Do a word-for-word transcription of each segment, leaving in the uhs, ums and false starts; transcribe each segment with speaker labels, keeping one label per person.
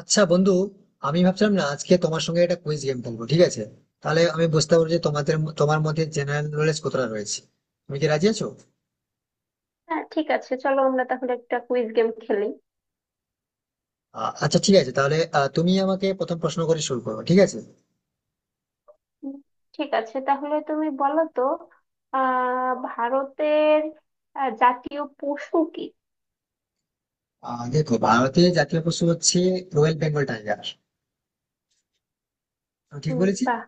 Speaker 1: আচ্ছা বন্ধু, আমি ভাবছিলাম না আজকে তোমার সঙ্গে একটা কুইজ গেম খেলবো, ঠিক আছে? তাহলে আমি বুঝতে পারবো যে তোমাদের তোমার মধ্যে জেনারেল নলেজ কতটা রয়েছে। তুমি কি রাজি আছো?
Speaker 2: হ্যাঁ, ঠিক আছে, চলো আমরা তাহলে একটা কুইজ গেম খেলি।
Speaker 1: আ- আচ্ছা, ঠিক আছে। তাহলে আ, তুমি আমাকে প্রথম প্রশ্ন করে শুরু করো, ঠিক আছে?
Speaker 2: উম, ঠিক আছে, তাহলে তুমি বলো তো আহ ভারতের আহ, জাতীয় পশু কি?
Speaker 1: আ, দেখো, ভারতের জাতীয় পশু হচ্ছে রয়্যাল বেঙ্গল টাইগার। আমি ঠিক
Speaker 2: উম,
Speaker 1: বলেছি?
Speaker 2: বাহ!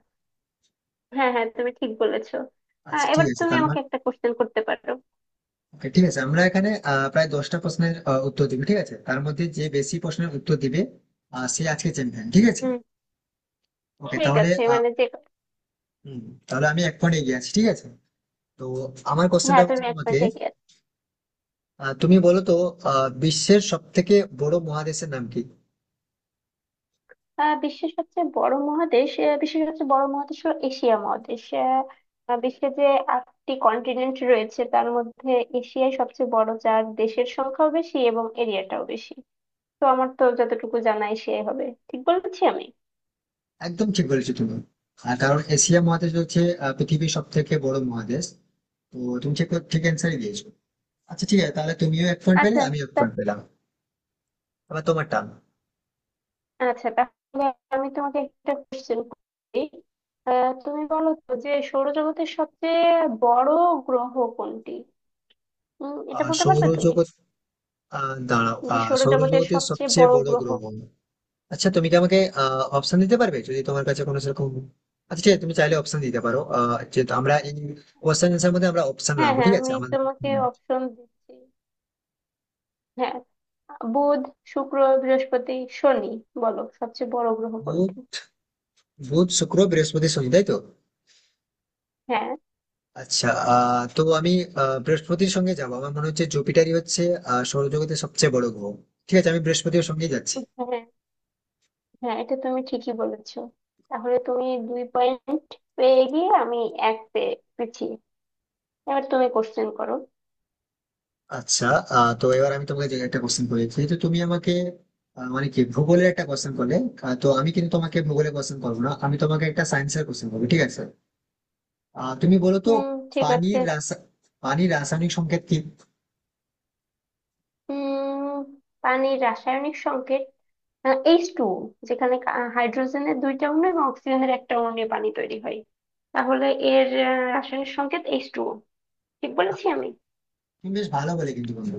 Speaker 2: হ্যাঁ হ্যাঁ, তুমি ঠিক বলেছো। আহ,
Speaker 1: আচ্ছা ঠিক
Speaker 2: এবার
Speaker 1: আছে,
Speaker 2: তুমি
Speaker 1: তার
Speaker 2: আমাকে
Speaker 1: মানে...
Speaker 2: একটা কোশ্চেন করতে পারো।
Speaker 1: Okay, ঠিক আছে, আমরা এখানে আ, প্রায় দশটা প্রশ্নের আ, উত্তর দিবি, ঠিক আছে? তার মধ্যে যে বেশি প্রশ্নের উত্তর দিবে, আ, সে আজকে চ্যাম্পিয়ন, ঠিক আছে।
Speaker 2: হুম।
Speaker 1: ওকে,
Speaker 2: ঠিক
Speaker 1: তাহলে
Speaker 2: আছে,
Speaker 1: আ,
Speaker 2: মানে যে
Speaker 1: হুম, তাহলে আমি এক পয়েন্ট এগিয়ে আছি, ঠিক আছে। তো আমার কোশ্চেনটা
Speaker 2: হ্যাঁ
Speaker 1: হচ্ছে
Speaker 2: তুমি এক
Speaker 1: তোমাকে।
Speaker 2: পয়েন্ট এগিয়ে আছো।
Speaker 1: আহ, তুমি বলো তো, আহ, বিশ্বের সব থেকে বড় মহাদেশের নাম কি?
Speaker 2: আহ বিশ্বের সবচেয়ে বড় মহাদেশ, আহ, বিশ্বের সবচেয়ে বড় মহাদেশ হলো এশিয়া মহাদেশ। আহ, আহ, বিশ্বে যে আটটি কন্টিনেন্ট রয়েছে তার মধ্যে এশিয়াই সবচেয়ে বড়, যার দেশের সংখ্যাও বেশি এবং এরিয়াটাও বেশি। তো আমার তো যতটুকু জানা এশিয়াই হবে। ঠিক বলেছি আমি?
Speaker 1: একদম ঠিক বলেছো তুমি। আর কারণ এশিয়া মহাদেশ হচ্ছে আহ, পৃথিবীর সব থেকে বড় মহাদেশ। তো তুমি ঠিক ঠিক অ্যান্সারই দিয়েছো। আচ্ছা ঠিক আছে, তাহলে তুমিও এক পয়েন্ট পেলে,
Speaker 2: আচ্ছা।
Speaker 1: আমিও এক
Speaker 2: তা-
Speaker 1: পয়েন্ট পেলাম। এবার তোমার টান।
Speaker 2: আচ্ছা, তাহলে আমি তোমাকে একটা কোশ্চেন করি। আহ, তুমি বলো তো যে সৌরজগতের সবচেয়ে বড় গ্রহ কোনটি? উম, এটা
Speaker 1: আহ,
Speaker 2: বলতে পারবে তুমি
Speaker 1: সৌরজগৎ... আহ, দাঁড়াও,
Speaker 2: যে
Speaker 1: আহ,
Speaker 2: সৌরজগতের
Speaker 1: সৌরজগতের
Speaker 2: সবচেয়ে
Speaker 1: সবচেয়ে
Speaker 2: বড়
Speaker 1: বড়
Speaker 2: গ্রহ?
Speaker 1: গ্রহ। আচ্ছা, তুমি কি আমাকে অপশন দিতে পারবে যদি তোমার কাছে কোনো সেরকম... আচ্ছা ঠিক আছে, তুমি চাইলে অপশন দিতে পারো। আহ, যেহেতু আমরা এই কোশ্চেন এর মধ্যে আমরা অপশন
Speaker 2: হ্যাঁ
Speaker 1: রাখবো,
Speaker 2: হ্যাঁ,
Speaker 1: ঠিক আছে
Speaker 2: আমি
Speaker 1: আমাদের।
Speaker 2: তোমাকে
Speaker 1: হুম।
Speaker 2: অপশন দিচ্ছি। হ্যাঁ, বুধ, শুক্র, বৃহস্পতি, শনি। বলো সবচেয়ে বড় গ্রহ
Speaker 1: বুধ।
Speaker 2: কোনটি?
Speaker 1: বুধ, শুক্র, বৃহস্পতি, শনি, তাই তো?
Speaker 2: হ্যাঁ।
Speaker 1: আচ্ছা, আহ তো আমি আহ, বৃহস্পতির সঙ্গে যাবো। আমার মনে হচ্ছে জুপিটারই হচ্ছে আহ, সৌরজগতের সবচেয়ে বড় গ্রহ। ঠিক আছে, আমি বৃহস্পতির সঙ্গেই যাচ্ছি।
Speaker 2: হ্যাঁ হ্যাঁ, এটা তুমি ঠিকই বলেছো। তাহলে তুমি দুই পয়েন্ট পেয়ে গিয়ে, আমি এক পেয়ে পিছিয়ে। এবার তুমি কোশ্চেন করো।
Speaker 1: আচ্ছা, আহ, তো এবার আমি তোমাকে যে একটা কোশ্চেন করি, যেহেতু তুমি আমাকে আহ, মানে কি ভূগোলের একটা কোশ্চেন করলে। আহ, তো আমি কিন্তু তোমাকে ভূগোলের কোশ্চেন করবো না, আমি তোমাকে একটা সায়েন্সের কোশ্চেন করবো, ঠিক আছে? আহ, তুমি বলো তো,
Speaker 2: হুম। ঠিক আছে।
Speaker 1: পানির রাসা পানির রাসায়নিক সংকেত কি?
Speaker 2: হুম। পানির রাসায়নিক সংকেত এইচ টু, যেখানে কা- হাইড্রোজেনের দুইটা অণু এবং অক্সিজেনের একটা অণু নিয়ে পানি তৈরি হয়। তাহলে এর আহ, রাসায়নিক সংকেত এইচ টু। ঠিক বলেছি আমি?
Speaker 1: তুমি বেশ ভালো বলে কিন্তু, বন্ধু।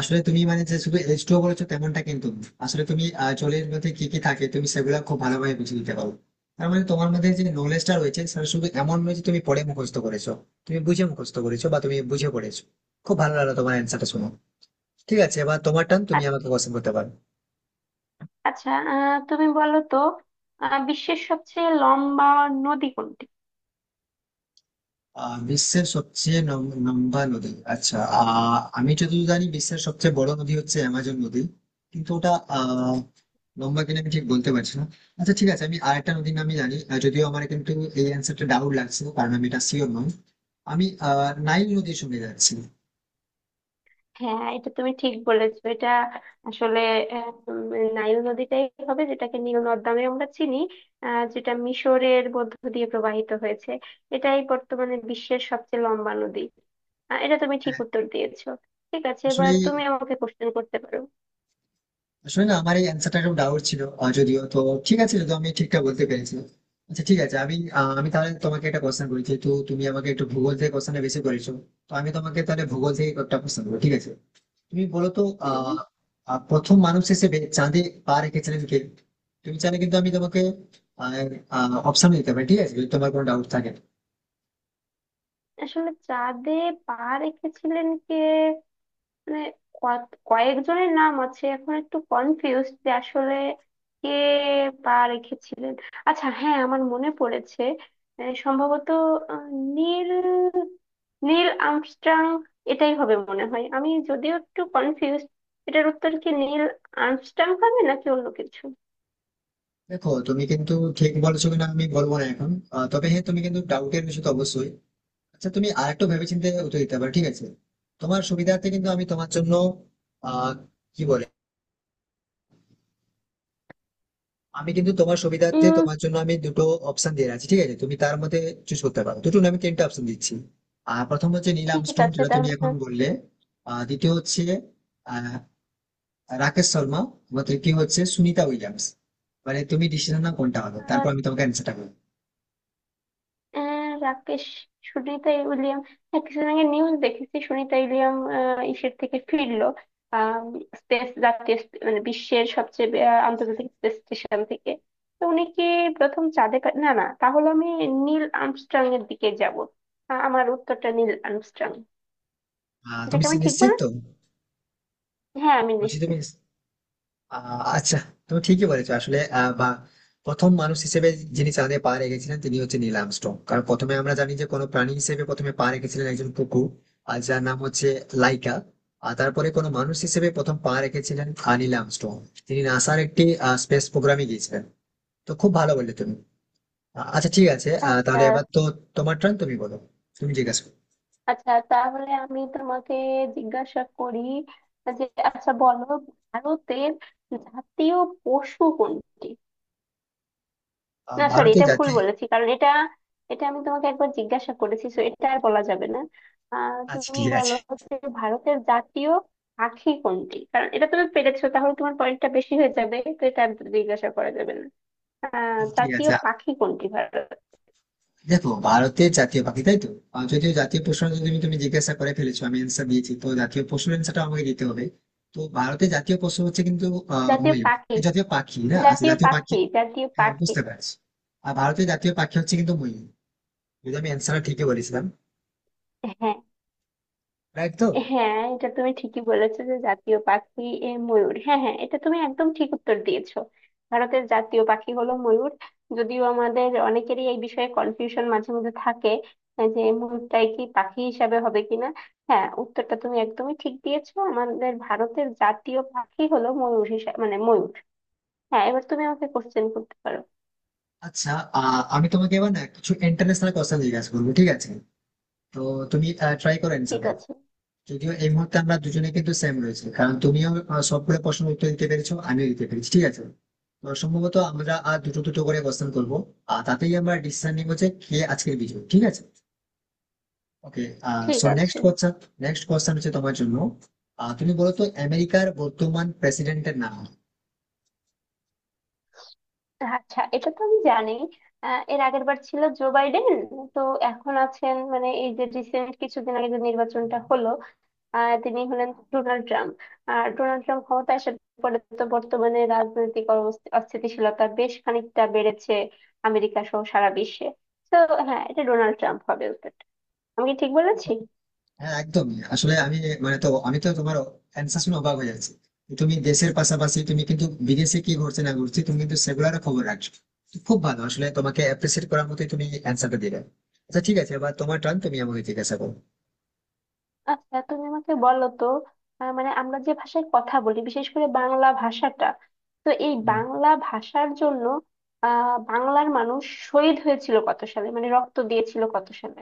Speaker 1: আসলে তুমি মানে যে শুধু এজ টু বলেছো তেমনটা কিন্তু না। আসলে তুমি আহ, জলের মধ্যে কি কি থাকে তুমি সেগুলো খুব ভালোভাবে বুঝে দিতে পারো। তার মানে তোমার মধ্যে যে নলেজটা রয়েছে সেটা শুধু এমন নয় যে তুমি পড়ে মুখস্থ করেছো। তুমি বুঝে মুখস্থ করেছো বা তুমি বুঝে পড়েছো। খুব ভালো লাগলো তোমার অ্যান্সারটা শুনো। ঠিক আছে, এবার তোমার টান, তুমি
Speaker 2: আ-
Speaker 1: আমাকে কোশ্চেন করতে পারো।
Speaker 2: আচ্ছা। আহ, তুমি বলো তো আহ, বিশ্বের সবচেয়ে লম্বা নদী কোনটি?
Speaker 1: আহ, বিশ্বের সবচেয়ে লম- লম্বা নদী? আচ্ছা, আহ আমি যতদূর জানি বিশ্বের সবচেয়ে বড় নদী হচ্ছে অ্যামাজন নদী। কিন্তু ওটা আহ লম্বা কিনা আমি ঠিক বলতে পারছি না। আচ্ছা ঠিক আছে, আমি আরেকটা নদীর নামই জানি। আহ, যদিও আমার কিন্তু এই অ্যান্সারটা ডাউট লাগছে, কারণ আমি এটা শিওর নই। আমি আহ নাইল নদীর সঙ্গে যাচ্ছি।
Speaker 2: হ্যাঁ, এটা তুমি ঠিক বলেছো। এটা আসলে আহ, উম, নাইল নদীটাই হবে, যেটাকে নীল নদ নামে আমরা চিনি, আহ, যেটা মিশরের মধ্য দিয়ে প্রবাহিত হয়েছে। এটাই বর্তমানে বিশ্বের সবচেয়ে লম্বা নদী। আহ, এটা তুমি ঠিক
Speaker 1: হ্যাঁ।
Speaker 2: উত্তর দিয়েছো। ঠিক আছে, এবার
Speaker 1: আসলে
Speaker 2: তুমি আমাকে কোশ্চেন করতে পারো।
Speaker 1: আসলে না, আমার এই অ্যান্সারটা একটু ডাউট ছিল। আহ, যদিও তো... ঠিক আছে, যদি আমি ঠিকঠাক বলতে পেরেছি। আচ্ছা ঠিক আছে, আমি আহ, আমি তাহলে তোমাকে একটা কোশ্চেন করি, যেহেতু তুমি আমাকে একটু ভূগোল থেকে কোশ্চেনটা বেশি করেছো। তো আমি তোমাকে তাহলে ভূগোল থেকে একটা কোশ্চেন করবো, ঠিক আছে। তুমি বলো তো, আহ
Speaker 2: উম,
Speaker 1: আহ, প্রথম মানুষ হিসেবে চাঁদে পা রেখেছিলেন কে? তুমি চাইলে কিন্তু আমি তোমাকে অপশন দিতে পারি, ঠিক আছে, যদি তোমার কোনো ডাউট থাকে।
Speaker 2: আসলে চাঁদে পা রেখেছিলেন কে, মানে কত- কয়েকজনের নাম আছে এখন একটু কনফিউজ যে আসলে কে পা রেখেছিলেন। আচ্ছা, হ্যাঁ আমার মনে পড়েছে। আহ, সম্ভবত আহ, নীল নীল আর্মস্ট্রং। এটাই হবে মনে হয়, আমি যদিও একটু কনফিউজ। এটার উত্তর কি নীল আর্মস্ট্রং হবে নাকি অন্য কিছু?
Speaker 1: দেখো, তুমি কিন্তু ঠিক বলছো কিনা আমি বলবো না এখন। আহ, তবে হ্যাঁ, তুমি কিন্তু ডাউটের বিষয় তো অবশ্যই। আচ্ছা, তুমি আরেকটু ভেবেচিন্তে উত্তর দিতে পারো, ঠিক আছে। তোমার সুবিধার্থে কিন্তু আমি তোমার জন্য আহ কি বলে, আমি কিন্তু তোমার সুবিধার্থে
Speaker 2: উম
Speaker 1: তোমার জন্য আমি দুটো অপশন দিয়ে রাখছি, ঠিক আছে, তুমি তার মধ্যে চুজ করতে পারো। দুটো না, আমি তিনটা অপশন দিচ্ছি। আর প্রথম হচ্ছে নীল
Speaker 2: ঠিক
Speaker 1: আর্মস্ট্রং,
Speaker 2: আছে,
Speaker 1: যেটা তুমি
Speaker 2: তাহলে
Speaker 1: এখন বললে। আর দ্বিতীয় হচ্ছে আহ, রাকেশ শর্মা। আবার তৃতীয় হচ্ছে সুনিতা উইলিয়ামস। মানে তুমি ডিসিশন না কোনটা হবে, তারপর আমি তোমাকে অ্যান্সারটা বলবো।
Speaker 2: আহ রাকেশ, সুনিতা উইলিয়াম। হ্যাঁ, কিছুদিন আগে নিউজ দেখেছি সুনিতা উইলিয়াম আহ, ইসের থেকে ফিরলো, স্পেস জাতীয় স্পে- মানে বিশ্বের সবচেয়ে বে- আহ, আন্তর্জাতিক স্পেস স্টেশন থেকে। তো উনি কি প্রথম চাঁদে পা- না না, তাহলে আমি নীল আর্মস্ট্রং এর দিকে যাব। আ- আমার উত্তরটা নীল আর্মস্ট্রং।
Speaker 1: আহ, তুমি
Speaker 2: এটাকে আমি ঠিক
Speaker 1: নিশ্চিত তো?
Speaker 2: বলেছি? হ্যাঁ, আমি
Speaker 1: বলছি তুমি...
Speaker 2: নিশ্চিত।
Speaker 1: আহ, আচ্ছা। তুমি ঠিকই বলেছো। আসলে আহ, বা প্রথম মানুষ হিসেবে যিনি চাঁদে পা রেখেছিলেন, তিনি হচ্ছে নীল আর্মস্ট্রং। কারণ প্রথমে আমরা জানি যে কোনো প্রাণী হিসেবে প্রথমে পা রেখেছিলেন একজন কুকুর, আর যার নাম হচ্ছে লাইকা। আর তারপরে কোনো মানুষ হিসেবে প্রথম পা রেখেছিলেন আহ, নীল আর্মস্ট্রং। তিনি নাসার একটি স্পেস প্রোগ্রামে গিয়েছিলেন। তো খুব ভালো বললে তুমি। আহ, আচ্ছা ঠিক আছে, আহ,
Speaker 2: আচ্ছা।
Speaker 1: তাহলে এবার তো তোমার টার্ন। তুমি বলো, তুমি জিজ্ঞাসা করো।
Speaker 2: আচ্ছা তাহলে আমি তোমাকে জিজ্ঞাসা করি যে আচ্ছা বলো, ভারতের জাতীয় পশু কোনটি?
Speaker 1: আহ,
Speaker 2: না সরি,
Speaker 1: ভারতের
Speaker 2: এটা ভুল
Speaker 1: জাতীয়...
Speaker 2: বলেছি, কারণ এটা এটা আমি তোমাকে একবার জিজ্ঞাসা করেছি, তো এটা আর বলা যাবে না। আহ
Speaker 1: আচ্ছা
Speaker 2: তুমি
Speaker 1: ঠিক
Speaker 2: বলো
Speaker 1: আছে
Speaker 2: হচ্ছে ভারতের জাতীয় পাখি কোনটি, কারণ এটা তুমি পেরেছো তাহলে তোমার পয়েন্টটা বেশি হয়ে যাবে, তো এটা আর জিজ্ঞাসা করা যাবে না। আহ
Speaker 1: আচ্ছা ঠিক
Speaker 2: জাতীয়
Speaker 1: আছে
Speaker 2: পাখি কোনটি ভারত?
Speaker 1: দেখো, ভারতের জাতীয় পাখি, তাই তো? আর যদিও জাতীয় প্রশ্ন যদি তুমি তুমি জিজ্ঞাসা করে ফেলেছো, আমি অ্যান্সার দিয়েছি, তো জাতীয় পশুর অ্যান্সারটা আমাকে দিতে হবে। তো ভারতের জাতীয় পশু হচ্ছে কিন্তু আহ
Speaker 2: জাতীয়
Speaker 1: ময়ূর।
Speaker 2: পাখি।
Speaker 1: এই, জাতীয় পাখি না? আচ্ছা,
Speaker 2: জাতীয়
Speaker 1: জাতীয় পাখি।
Speaker 2: পাখি জাতীয়
Speaker 1: হ্যাঁ,
Speaker 2: পাখি
Speaker 1: বুঝতে পারছি। আর ভারতের জাতীয় পাখি হচ্ছে কিন্তু ময়ূর। যদি আমি অ্যান্সারটা ঠিকই বলেছিলাম,
Speaker 2: হ্যাঁ
Speaker 1: রাইট তো?
Speaker 2: হ্যাঁ, এটা তুমি ঠিকই বলেছো যে জাতীয় পাখি এ ময়ূর। হ্যাঁ হ্যাঁ, এটা তুমি একদম ঠিক উত্তর দিয়েছো। ভারতের জাতীয় পাখি হলো ময়ূর। যদিও আমাদের অনেকেরই এই বিষয়ে কনফিউশন মাঝে মধ্যে থাকে, আহ, যে ময়ূরটাই কি পাখি হিসাবে হবে কিনা। হ্যাঁ, উত্তরটা তুমি একদমই ঠিক দিয়েছো। আমাদের ভারতের জাতীয় পাখি হলো ময়ূর হিসাবে, মানে ময়ূর। হ্যাঁ, এবার তুমি আমাকে কোশ্চেন করতে পারো।
Speaker 1: আচ্ছা, আহ আমি তোমাকে এবার না কিছু ইন্টারন্যাশনাল কোশ্চেন জিজ্ঞাসা করবো, ঠিক আছে। তো তুমি ট্রাই করো অ্যান্সার।
Speaker 2: ঠিক আছে।
Speaker 1: যদিও এই মুহূর্তে আমরা দুজনে কিন্তু সেম রয়েছে, কারণ তুমিও আহ, সবগুলো প্রশ্ন উত্তর দিতে পেরেছো, আমিও দিতে পেরেছি, ঠিক আছে। তো সম্ভবত আমরা আর দুটো দুটো করে কোশ্চেন করবো। আর তাতেই আমরা ডিসিশন নিব যে কে আজকের বিজয়ী, ঠিক আছে। ওকে।
Speaker 2: ঠিক
Speaker 1: সো নেক্সট
Speaker 2: আছে।
Speaker 1: কোশ্চেন, নেক্সট কোশ্চেন হচ্ছে তোমার জন্য। আহ, তুমি বলো তো, আমেরিকার বর্তমান প্রেসিডেন্টের
Speaker 2: আচ্ছা, এটা তো আমি জানি। আহ, এর আগের বার ছিল জো বাইডেন। তো এখন আছেন, মানে এই যে রিসেন্ট কিছুদিন আগে যে নির্বাচনটা
Speaker 1: নাম?
Speaker 2: হলো, আহ, তিনি হলেন ডোনাল্ড ট্রাম্প। আর ডোনাল্ড ট্রাম্প ক্ষমতায় আসার পরে তো বর্তমানে রাজনৈতিক অবস্থি- অস্থিতিশীলতা বেশ খানিকটা বেড়েছে আমেরিকা সহ সারা বিশ্বে। তো হ্যাঁ, এটা ডোনাল্ড ট্রাম্প হবে উত্তরটা। আমি কি ঠিক বলেছি?
Speaker 1: হ্যাঁ, একদমই। আসলে আমি মানে তো, আমি তো তোমার অ্যান্সার শুনে অবাক হয়ে যাচ্ছি। তুমি দেশের পাশাপাশি তুমি কিন্তু বিদেশে কি ঘটছে না ঘটছে তুমি কিন্তু সেগুলারও খবর রাখছো। তো খুব ভালো, আসলে তোমাকে অ্যাপ্রিসিয়েট করার মতোই তুমি অ্যান্সারটা দিলে। আচ্ছা ঠিক আছে, এবার তোমার টার্ন, তুমি আমাকে জিজ্ঞাসা করো।
Speaker 2: আচ্ছা, তুমি আমাকে বলো তো আহ, মানে আমরা যে ভাষায় কথা বলি, বিশেষ করে বাংলা ভাষাটা, তো এই
Speaker 1: হুম।
Speaker 2: বাংলা ভাষার জন্য আহ বাংলার মানুষ শহীদ হয়েছিল কত সালে, মানে রক্ত দিয়েছিল কত সালে?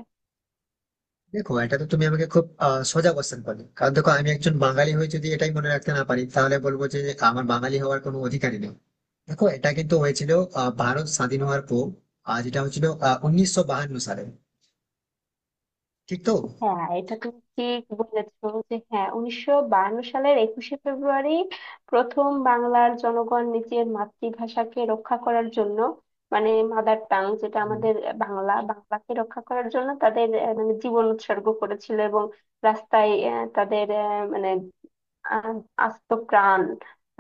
Speaker 1: দেখো, এটা তো তুমি আমাকে খুব আহ, সোজা কোশ্চেন করলে। কারণ দেখো, আমি একজন বাঙালি হয়ে যদি এটাই মনে রাখতে না পারি, তাহলে বলবো যে আমার বাঙালি হওয়ার কোনো অধিকারই নেই। দেখো, এটা কিন্তু হয়েছিল আহ, ভারত স্বাধীন হওয়ার পর। আহ, যেটা হয়েছিল উনিশশো বাহান্ন সালে। ঠিক তো?
Speaker 2: হ্যাঁ, এটা তুমি ঠিক বলেছো যে, হ্যাঁ উনিশশো বায়ান্ন সালের একুশে ফেব্রুয়ারি প্রথম বাংলার জনগণ নিজের মাতৃভাষাকে রক্ষা করার জন্য, মানে মাদার টাং যেটা আমাদের বাংলা, বাংলাকে রক্ষা করার জন্য তাদের আহ, মানে জীবন উৎসর্গ করেছিল এবং রাস্তায় আহ, তাদের আহ, মানে আহ, আস্ত প্রাণ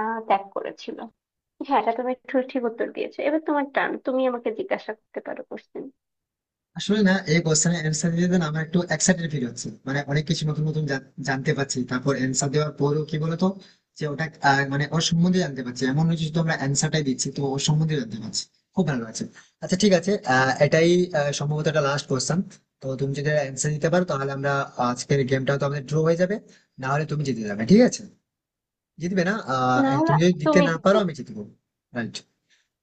Speaker 2: আহ, ত্যাগ করেছিল। হ্যাঁ, এটা তুমি ঠিক ঠিক উত্তর দিয়েছো। এবার তোমার টান, তুমি আমাকে জিজ্ঞাসা করতে পারো কোশ্চেন।
Speaker 1: আসলে না, এই কোশ্চেনের অ্যান্সার দিতে না আমার একটু এক্সাইটেড ফিল হচ্ছে, মানে অনেক কিছু নতুন নতুন জান- জানতে পারছি। তারপর অ্যান্সার দেওয়ার পরেও কি বলতো, যে ওটা আহ, মানে ওর সম্বন্ধে জানতে পারছি, এমন নয় যে শুধু আমরা অ্যান্সারটাই দিচ্ছি, তো ওর সম্বন্ধে জানতে পারছি। খুব ভালো লাগছে। আচ্ছা ঠিক আছে, আহ, এটাই আহ, সম্ভবত একটা লাস্ট কোশ্চেন। তো তুমি যদি অ্যান্সার দিতে পারো, তাহলে আমরা আজকের গেমটা তো আমাদের ড্র হয়ে যাবে, না হলে তুমি জিতে যাবে, ঠিক আছে। জিতবে না, আহ
Speaker 2: না হলে
Speaker 1: তুমি যদি দিতে
Speaker 2: তুমি
Speaker 1: না
Speaker 2: দিতে।
Speaker 1: পারো আমি জিতবো, রাইট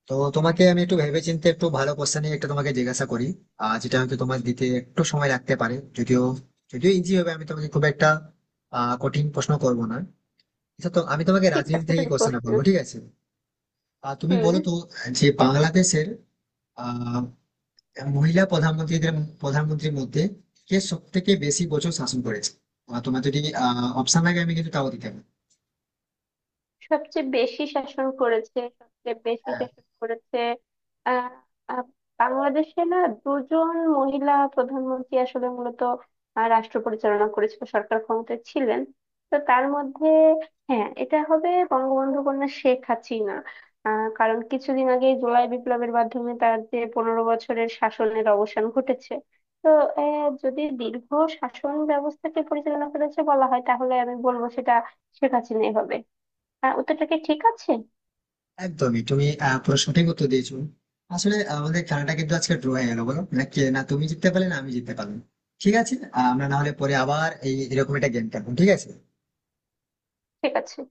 Speaker 1: তো।
Speaker 2: হ্যাঁ
Speaker 1: তোমাকে
Speaker 2: হ্যাঁ।
Speaker 1: আমি একটু ভেবেচিন্তে একটু ভালো কোশ্চেন নিয়ে একটা তোমাকে জিজ্ঞাসা করি, আহ যেটা হয়তো তোমার দিতে একটু সময় লাগতে পারে। যদিও, যদিও ইজি হবে, আমি তোমাকে খুব একটা আহ কঠিন প্রশ্ন করব না। আচ্ছা, তো আমি তোমাকে
Speaker 2: ঠিক
Speaker 1: রাজনীতি
Speaker 2: আছে,
Speaker 1: থেকে
Speaker 2: তুমি
Speaker 1: কোশ্চেনটা
Speaker 2: কোশ্চেন।
Speaker 1: করবো, ঠিক আছে। আর তুমি
Speaker 2: হুম।
Speaker 1: বলো তো, যে বাংলাদেশের আহ মহিলা প্রধানমন্ত্রীদের প্রধানমন্ত্রীর মধ্যে কে সব থেকে বেশি বছর শাসন করেছে? আহ, তোমার যদি আহ অপশন লাগে, আমি কিন্তু তাও দিতে পারি।
Speaker 2: সবচেয়ে বেশি শাসন করেছে সবচেয়ে বেশি শাসন করেছে আহ আহ, বাংলাদেশে না দুজন মহিলা প্রধানমন্ত্রী আসলে মূলত আহ, রাষ্ট্র পরিচালনা করেছিল, সরকার ক্ষমতায় ছিলেন। তো তার মধ্যে হ্যাঁ, এটা হবে বঙ্গবন্ধু কন্যা শেখ হাসিনা। আহ কারণ কিছুদিন আগে জুলাই বিপ্লবের মাধ্যমে তার যে পনেরো বছরের শাসনের অবসান ঘটেছে। তো আহ, যদি দীর্ঘ শাসন ব্যবস্থাকে পরিচালনা করেছে বলা হয়, তাহলে আমি বলবো সেটা শেখ হাসিনাই হবে। হ্যাঁ, ওটা কি ঠিক আছে?
Speaker 1: একদমই, তুমি আহ, পুরো সঠিক উত্তর দিয়েছো। আসলে আমাদের খেলাটা কিন্তু আজকে ড্র হয়ে গেল, বলো না, কে না তুমি জিততে পারলে, না আমি জিততে পারলাম। ঠিক আছে, আহ, আমরা না হলে পরে আবার এই এরকম একটা গেম খেলবো, ঠিক আছে।
Speaker 2: ঠিক আছে।